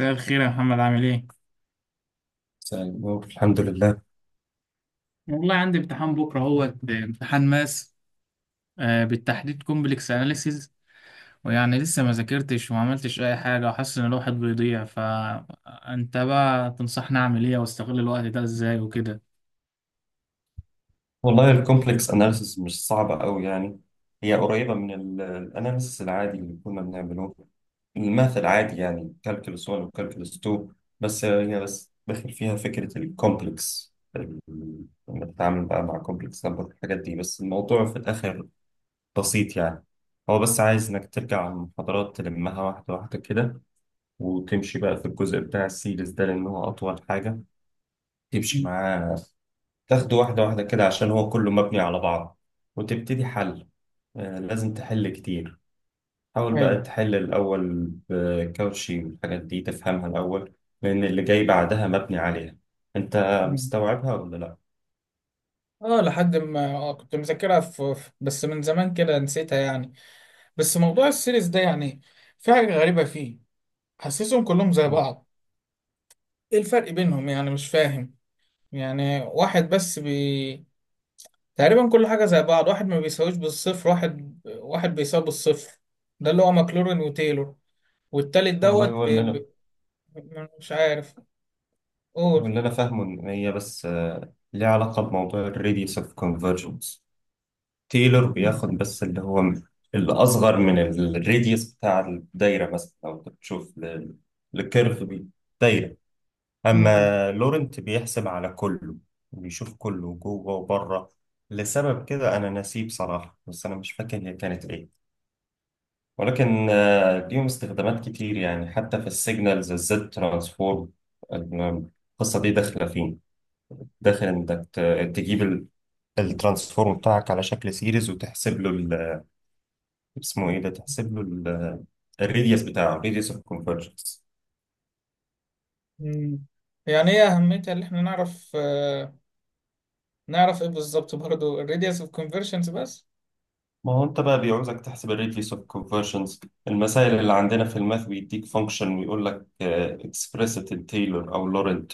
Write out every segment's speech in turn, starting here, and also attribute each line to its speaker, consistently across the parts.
Speaker 1: مساء الخير يا محمد، عامل ايه؟
Speaker 2: مساء النور. الحمد لله.
Speaker 1: والله عندي امتحان بكره اهوت امتحان ماس، آه، بالتحديد كومبلكس اناليسيز. ويعني لسه ما ذاكرتش وما عملتش اي حاجه وحاسس ان الواحد بيضيع، فانت بقى تنصحني اعمل ايه واستغل الوقت ده ازاي وكده.
Speaker 2: والله الكومبلكس اناليسيس مش صعبة قوي يعني. هي قريبة من الاناليسيس العادي اللي كنا بنعمله، الماث العادي يعني كالكولس 1 وكالكولس 2. بس هي بس داخل فيها فكرة الكومبلكس لما تتعامل بقى مع كومبلكس نمبر والحاجات دي. بس الموضوع في الآخر بسيط يعني. هو بس عايز إنك ترجع على المحاضرات تلمها واحدة واحدة كده، وتمشي بقى في الجزء بتاع السيريز ده لأن هو أطول حاجة تمشي معاه. تاخده واحدة واحدة كده عشان هو كله مبني على بعض. وتبتدي حل. لازم تحل كتير. حاول بقى
Speaker 1: ايوه.
Speaker 2: تحل الأول بكاوتشي والحاجات دي تفهمها الأول، لأن اللي جاي بعدها مبني عليها. أنت
Speaker 1: مم.
Speaker 2: مستوعبها ولا لأ؟
Speaker 1: اه لحد ما كنت مذاكرها بس من زمان كده نسيتها يعني. بس موضوع السيريز ده يعني في حاجة غريبة فيه، حاسسهم كلهم زي
Speaker 2: و-
Speaker 1: بعض. ايه الفرق بينهم يعني؟ مش فاهم. يعني واحد بس تقريبا كل حاجة زي بعض، واحد ما بيساويش بالصفر، واحد واحد بيساوي بالصفر، ده اللي هو ماكلورين وتايلور. والتالت
Speaker 2: والله
Speaker 1: مش عارف
Speaker 2: هو
Speaker 1: قول.
Speaker 2: اللي أنا فاهمه إن هي بس، ليها علاقة بموضوع الريديوس أوف كونفرجنس. تايلور
Speaker 1: مم.
Speaker 2: بياخد بس اللي هو الأصغر من الريديوس بتاع الدايرة، مثلا لو بتشوف الكيرف دي دايرة.
Speaker 1: مم.
Speaker 2: أما لورنت بيحسب على كله، بيشوف كله جوه وبره. لسبب كده أنا ناسيه بصراحة، بس أنا مش فاكر هي كانت إيه. ولكن ليهم استخدامات كتير يعني، حتى في السيجنالز الزد ترانسفورم القصة دي داخلة فيه. داخل إنك تجيب الترانسفورم بتاعك على شكل سيريز، وتحسب له اسمه إيه ده، تحسب له الريديوس بتاعه، الريديوس اوف كونفرجنس.
Speaker 1: مم. يعني ايه أهميتها؟ اللي احنا نعرف، نعرف ايه بالظبط برضه؟ الراديوس اوف كونفرجنس بس.
Speaker 2: ما هو انت بقى بيعوزك تحسب الريديوس اوف كونفرجنز. المسائل اللي عندنا في الماث بيديك فانكشن ويقول لك اكسبريسد تايلور او لورنت.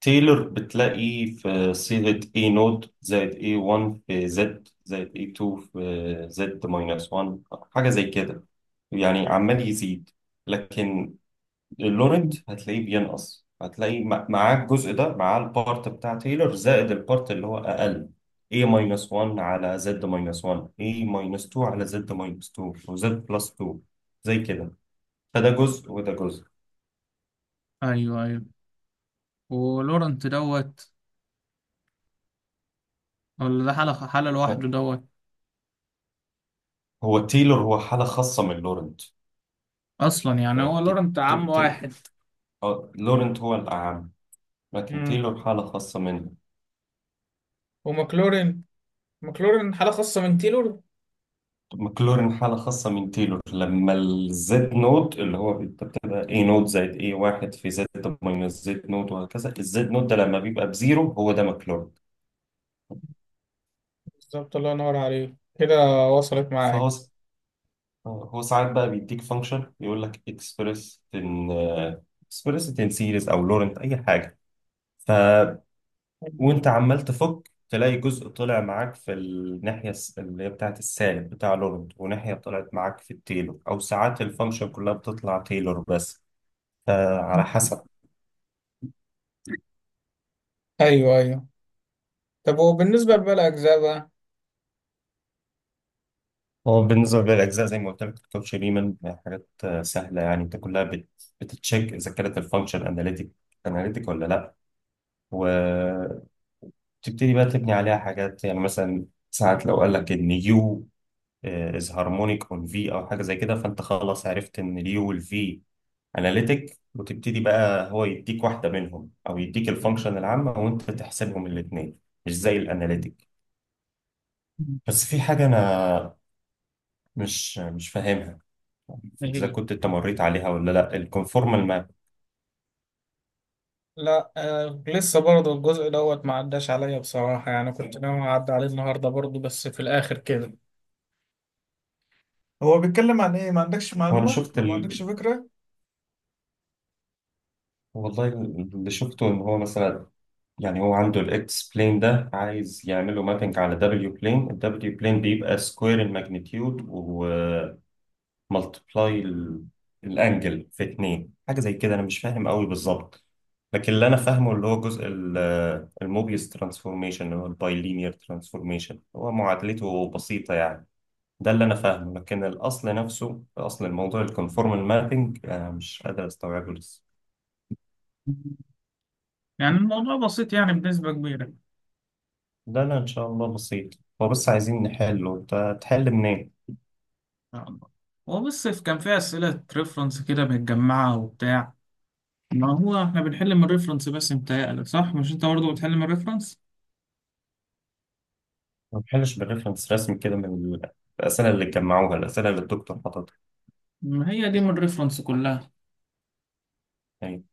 Speaker 2: تايلور بتلاقيه في صيغة اي نود زائد اي 1 في زد زائد اي 2 في زد ماينس 1، حاجة زي كده، يعني عمال يزيد. لكن اللورنت هتلاقيه بينقص، هتلاقي معاه الجزء ده، معاه البارت بتاع تايلور زائد البارت اللي هو اقل، A ماينس 1 على Z ماينس 1، A ماينس 2 على Z ماينس 2 وZ بلس 2، زي كده. فده جزء وده جزء.
Speaker 1: ايوه ايوه. ولورنت ولا ده حالة لوحده
Speaker 2: ف- هو تايلور هو حالة خاصة من لورنت.
Speaker 1: اصلا؟ يعني هو
Speaker 2: لكن
Speaker 1: لورنت عم واحد.
Speaker 2: لورنت هو الأعم، لكن
Speaker 1: مم.
Speaker 2: تايلور حالة خاصة منه.
Speaker 1: وماكلورين، ماكلورين حالة خاصة من تايلور.
Speaker 2: ماكلورين حالة خاصة من تيلور لما الزد نود اللي هو انت بتبقى اي نود زائد اي واحد في زد ماينس زد نود، وهكذا الزد نود ده لما بيبقى بزيرو هو ده ماكلورين.
Speaker 1: بالظبط، الله ينور عليك كده. وصلت معايا.
Speaker 2: فهو س- هو ساعات بقى بيديك فانكشن يقول لك اكسبريس ان، اكسبريس ان سيريز او لورنت اي حاجة. ف وانت عمال تفك تلاقي جزء طلع معاك في الناحية اللي هي بتاعت السالب بتاع لورنت، وناحية طلعت معاك في التيلور، أو ساعات الفانكشن كلها بتطلع تيلور بس، فعلى حسب.
Speaker 1: ايوه ايوه. طب وبالنسبه لباقي الاجزاء بقى؟
Speaker 2: هو بالنسبة للأجزاء زي ما قلت لك الكوتش ريمان حاجات سهلة يعني. أنت كلها بت... بتتشيك إذا كانت الفانكشن أناليتيك، أناليتيك ولا لأ. وتبتدي بقى تبني عليها حاجات. يعني مثلا ساعات لو قال لك إن يو از هارمونيك أون في، أو حاجة زي كده، فأنت خلاص عرفت إن اليو والفي أناليتيك، وتبتدي بقى. هو يديك واحدة منهم أو يديك الفانكشن العامة وأنت تحسبهم الاتنين، مش زي الأناليتيك. بس في حاجة أنا مش فاهمها، اذا
Speaker 1: ايه؟
Speaker 2: كنت انت مريت عليها ولا لا، الكونفورمال ماب.
Speaker 1: لا لسه برضه الجزء ما عداش عليا بصراحه، يعني كنت ناوي اعدي عليه النهارده برضه، بس في الاخر كده هو بيتكلم عن ايه؟ ما عندكش
Speaker 2: هو انا
Speaker 1: معلومه
Speaker 2: شفت
Speaker 1: او ما عندكش فكره؟
Speaker 2: والله اللي شفته ان هو مثلا، يعني هو عنده الاكس بلين ده عايز يعمله مابنج على دبليو بلين. الدبليو بلين بيبقى سكوير الماجنتيود ومالتبلاي الانجل في اتنين، حاجه زي كده. انا مش فاهم قوي بالظبط، لكن اللي انا فاهمه اللي هو جزء الموبيس ترانسفورميشن اللي هو البايلينير ترانسفورميشن، هو معادلته بسيطه يعني. ده اللي انا فاهمه، لكن الاصل نفسه، اصل الموضوع الكونفورمال مابنج، انا مش قادر استوعبه لسه.
Speaker 1: يعني الموضوع بسيط يعني بنسبة كبيرة إن
Speaker 2: ده انا ان شاء الله بسيط. هو بس عايزين نحله، انت تحل منين؟
Speaker 1: شاء الله. هو بس كان فيه أسئلة ريفرنس كده متجمعة وبتاع. ما هو احنا بنحل من الريفرنس بس، متهيألك صح؟ مش انت برضه بتحل من الريفرنس؟
Speaker 2: ما تحلش بالريفرنس رسمي كده من ال- الاسئله اللي جمعوها، الاسئله اللي الدكتور حاططها
Speaker 1: ما هي دي من الريفرنس كلها.
Speaker 2: يعني.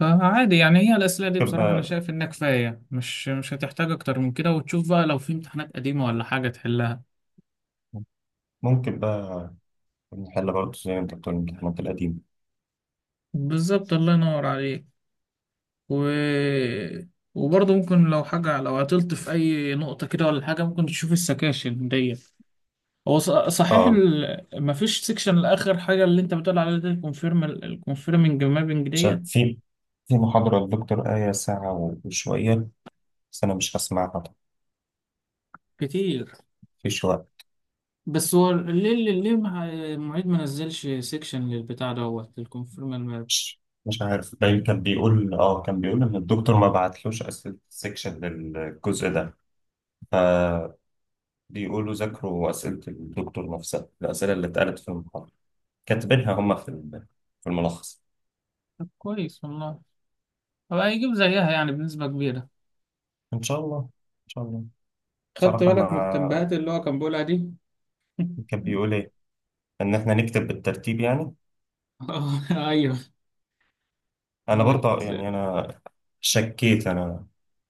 Speaker 1: فعادي يعني. هي الأسئلة دي
Speaker 2: ممكن
Speaker 1: بصراحة أنا
Speaker 2: بقى
Speaker 1: شايف إنها كفاية، مش هتحتاج أكتر من كده، وتشوف بقى لو في امتحانات قديمة ولا حاجة تحلها.
Speaker 2: ممكن بقى نحل برضه زي ما انت بتقول الامتحانات القديمه.
Speaker 1: بالظبط، الله ينور عليك. و... وبرضه ممكن لو حاجة، لو عطلت في أي نقطة كده ولا حاجة، ممكن تشوف السكاشن دي. هو صحيح
Speaker 2: اه.
Speaker 1: مفيش سكشن لآخر حاجة اللي أنت بتقول عليها دي، الكونفيرم الكونفيرمنج مابنج
Speaker 2: شا-
Speaker 1: ديت،
Speaker 2: في في محاضره الدكتور آية ساعه وشويه، بس انا مش هسمعها طبعا.
Speaker 1: كتير.
Speaker 2: في شويه
Speaker 1: بس هو ليه المعيد ما نزلش سيكشن للبتاع للكونفيرم؟
Speaker 2: مش مش عارف. باين كان بيقول اه، كان بيقول ان الدكتور ما بعتلوش اسئله السكشن للجزء ده. فبيقولوا ذاكروا اسئله الدكتور نفسها، الاسئله اللي اتقالت في المحاضره كاتبينها هم في في الملخص.
Speaker 1: طب كويس والله. هو هيجيب زيها يعني بنسبة كبيرة.
Speaker 2: ان شاء الله ان شاء الله.
Speaker 1: خدت
Speaker 2: بصراحه ما.
Speaker 1: بالك من التنبيهات اللي هو كان بيقولها دي؟
Speaker 2: كان بيقول ايه؟ ان احنا نكتب بالترتيب يعني.
Speaker 1: اه. ايوه.
Speaker 2: انا
Speaker 1: هو
Speaker 2: برضه يعني انا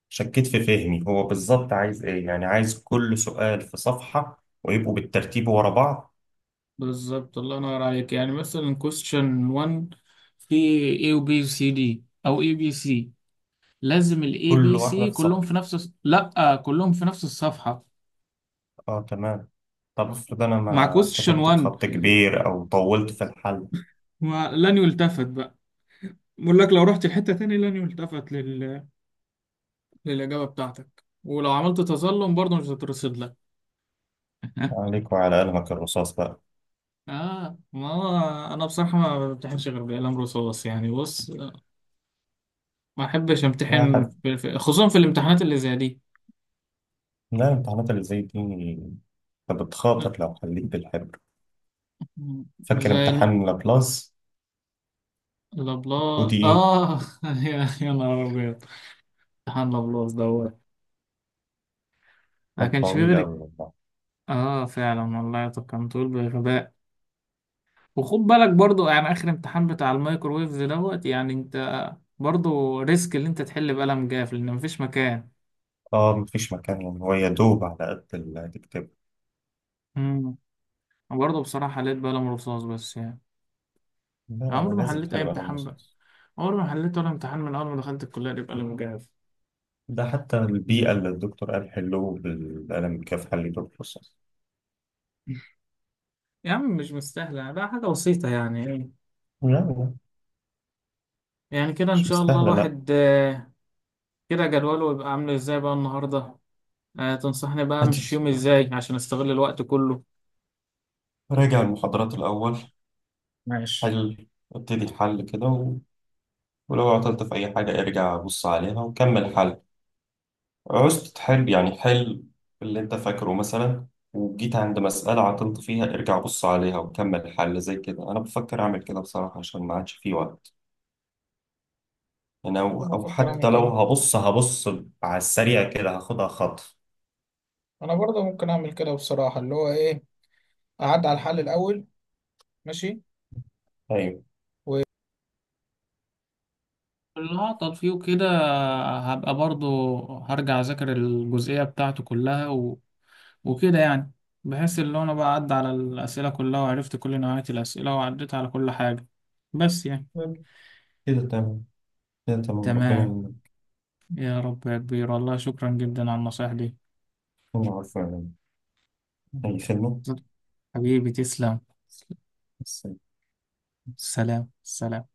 Speaker 2: شكيت في فهمي هو بالظبط عايز ايه، يعني عايز كل سؤال في صفحه ويبقوا بالترتيب ورا بعض،
Speaker 1: بالظبط، الله ينور عليك. يعني مثلا question 1 في A و B و C D أو A B C لازم ال A
Speaker 2: كل
Speaker 1: B
Speaker 2: واحده
Speaker 1: C
Speaker 2: في
Speaker 1: كلهم
Speaker 2: صفحه.
Speaker 1: في نفس لأ، كلهم في نفس الصفحة
Speaker 2: اه تمام. طب افرض انا
Speaker 1: مع
Speaker 2: ما
Speaker 1: question
Speaker 2: كتبت
Speaker 1: 1.
Speaker 2: بخط كبير او طولت في الحل؟
Speaker 1: لن يلتفت بقى. بقول لك لو رحت لحتة تاني لن يلتفت للإجابة بتاعتك، ولو عملت تظلم برضه مش هترصد لك.
Speaker 2: عليك وعلى قلمك الرصاص بقى.
Speaker 1: اه. ما هو انا بصراحه ما بمتحنش غير بالقلم رصاص يعني، بص، ما احبش
Speaker 2: لا
Speaker 1: امتحن
Speaker 2: حد.
Speaker 1: في خصوصا في الامتحانات اللي زي دي.
Speaker 2: لا، الامتحانات اللي زي دي انت بتخاطر لو خليك بالحبر. فاكر
Speaker 1: زي
Speaker 2: امتحان لابلاس؟ ودي
Speaker 1: الابلاط،
Speaker 2: ايه؟
Speaker 1: اه. يا نهار ابيض. امتحان الابلاط ما
Speaker 2: كان
Speaker 1: كانش فيه
Speaker 2: طويل
Speaker 1: غير.
Speaker 2: اوي والله.
Speaker 1: اه فعلا والله. طب كان طول بغباء. وخد بالك برضو يعني، اخر امتحان بتاع الميكروويفز يعني انت برضو ريسك اللي انت تحل بقلم جاف لان مفيش مكان.
Speaker 2: اه، مفيش مكان يعني. هو يا دوب على قد اللي هتكتبه.
Speaker 1: امم برضه بصراحه حليت بقلم رصاص بس يعني.
Speaker 2: لا لا، هو
Speaker 1: عمري ما
Speaker 2: لازم
Speaker 1: حليت اي
Speaker 2: تحل بقلم
Speaker 1: امتحان،
Speaker 2: رصاص.
Speaker 1: عمري ما حليت ولا امتحان من أول ما دخلت الكلية دي بقلم مجهز.
Speaker 2: ده حتى البيئة اللي الدكتور قال حلوه بالقلم كيف حل دور رصاص.
Speaker 1: يا عم مش مستاهلة بقى، حاجة بسيطة يعني.
Speaker 2: لا لا،
Speaker 1: يعني كده إن
Speaker 2: مش
Speaker 1: شاء الله
Speaker 2: مستاهلة لا.
Speaker 1: الواحد، كده جدوله يبقى عامل إزاي بقى النهاردة؟ تنصحني بقى مش
Speaker 2: هاتي.
Speaker 1: يوم إزاي عشان أستغل الوقت كله؟
Speaker 2: راجع المحاضرات الأول.
Speaker 1: ماشي.
Speaker 2: حل. ابتدي الحل كده و... ولو عطلت في أي حاجة ارجع بص عليها وكمل حل. عوزت تحل يعني حل اللي أنت فاكره مثلا، وجيت عند مسألة عطلت فيها ارجع بص عليها وكمل حل. زي كده أنا بفكر أعمل كده بصراحة عشان ما عادش فيه وقت. أنا أو
Speaker 1: انا
Speaker 2: أو
Speaker 1: بفكر اعمل
Speaker 2: حتى لو
Speaker 1: كده.
Speaker 2: هبص على السريع كده هاخدها خطف.
Speaker 1: انا برضه ممكن اعمل كده بصراحه، اللي هو ايه، اعدي على الحل الاول. ماشي.
Speaker 2: أيوه.
Speaker 1: و... اللي هعطل فيه كده هبقى برضو هرجع أذاكر الجزئية بتاعته كلها، وكده يعني، بحيث اللي انا بقى عدى على الأسئلة كلها وعرفت كل نوعية الأسئلة وعديت على كل حاجة بس يعني.
Speaker 2: كده تمام. كده تمام ربنا
Speaker 1: تمام.
Speaker 2: يعينك.
Speaker 1: يا رب يا كبير، والله شكرا جدا على النصايح دي.
Speaker 2: أنا عارفه يعني. أي
Speaker 1: مم.
Speaker 2: خدمة.
Speaker 1: حبيبي تسلم.
Speaker 2: بس.
Speaker 1: سلام سلام.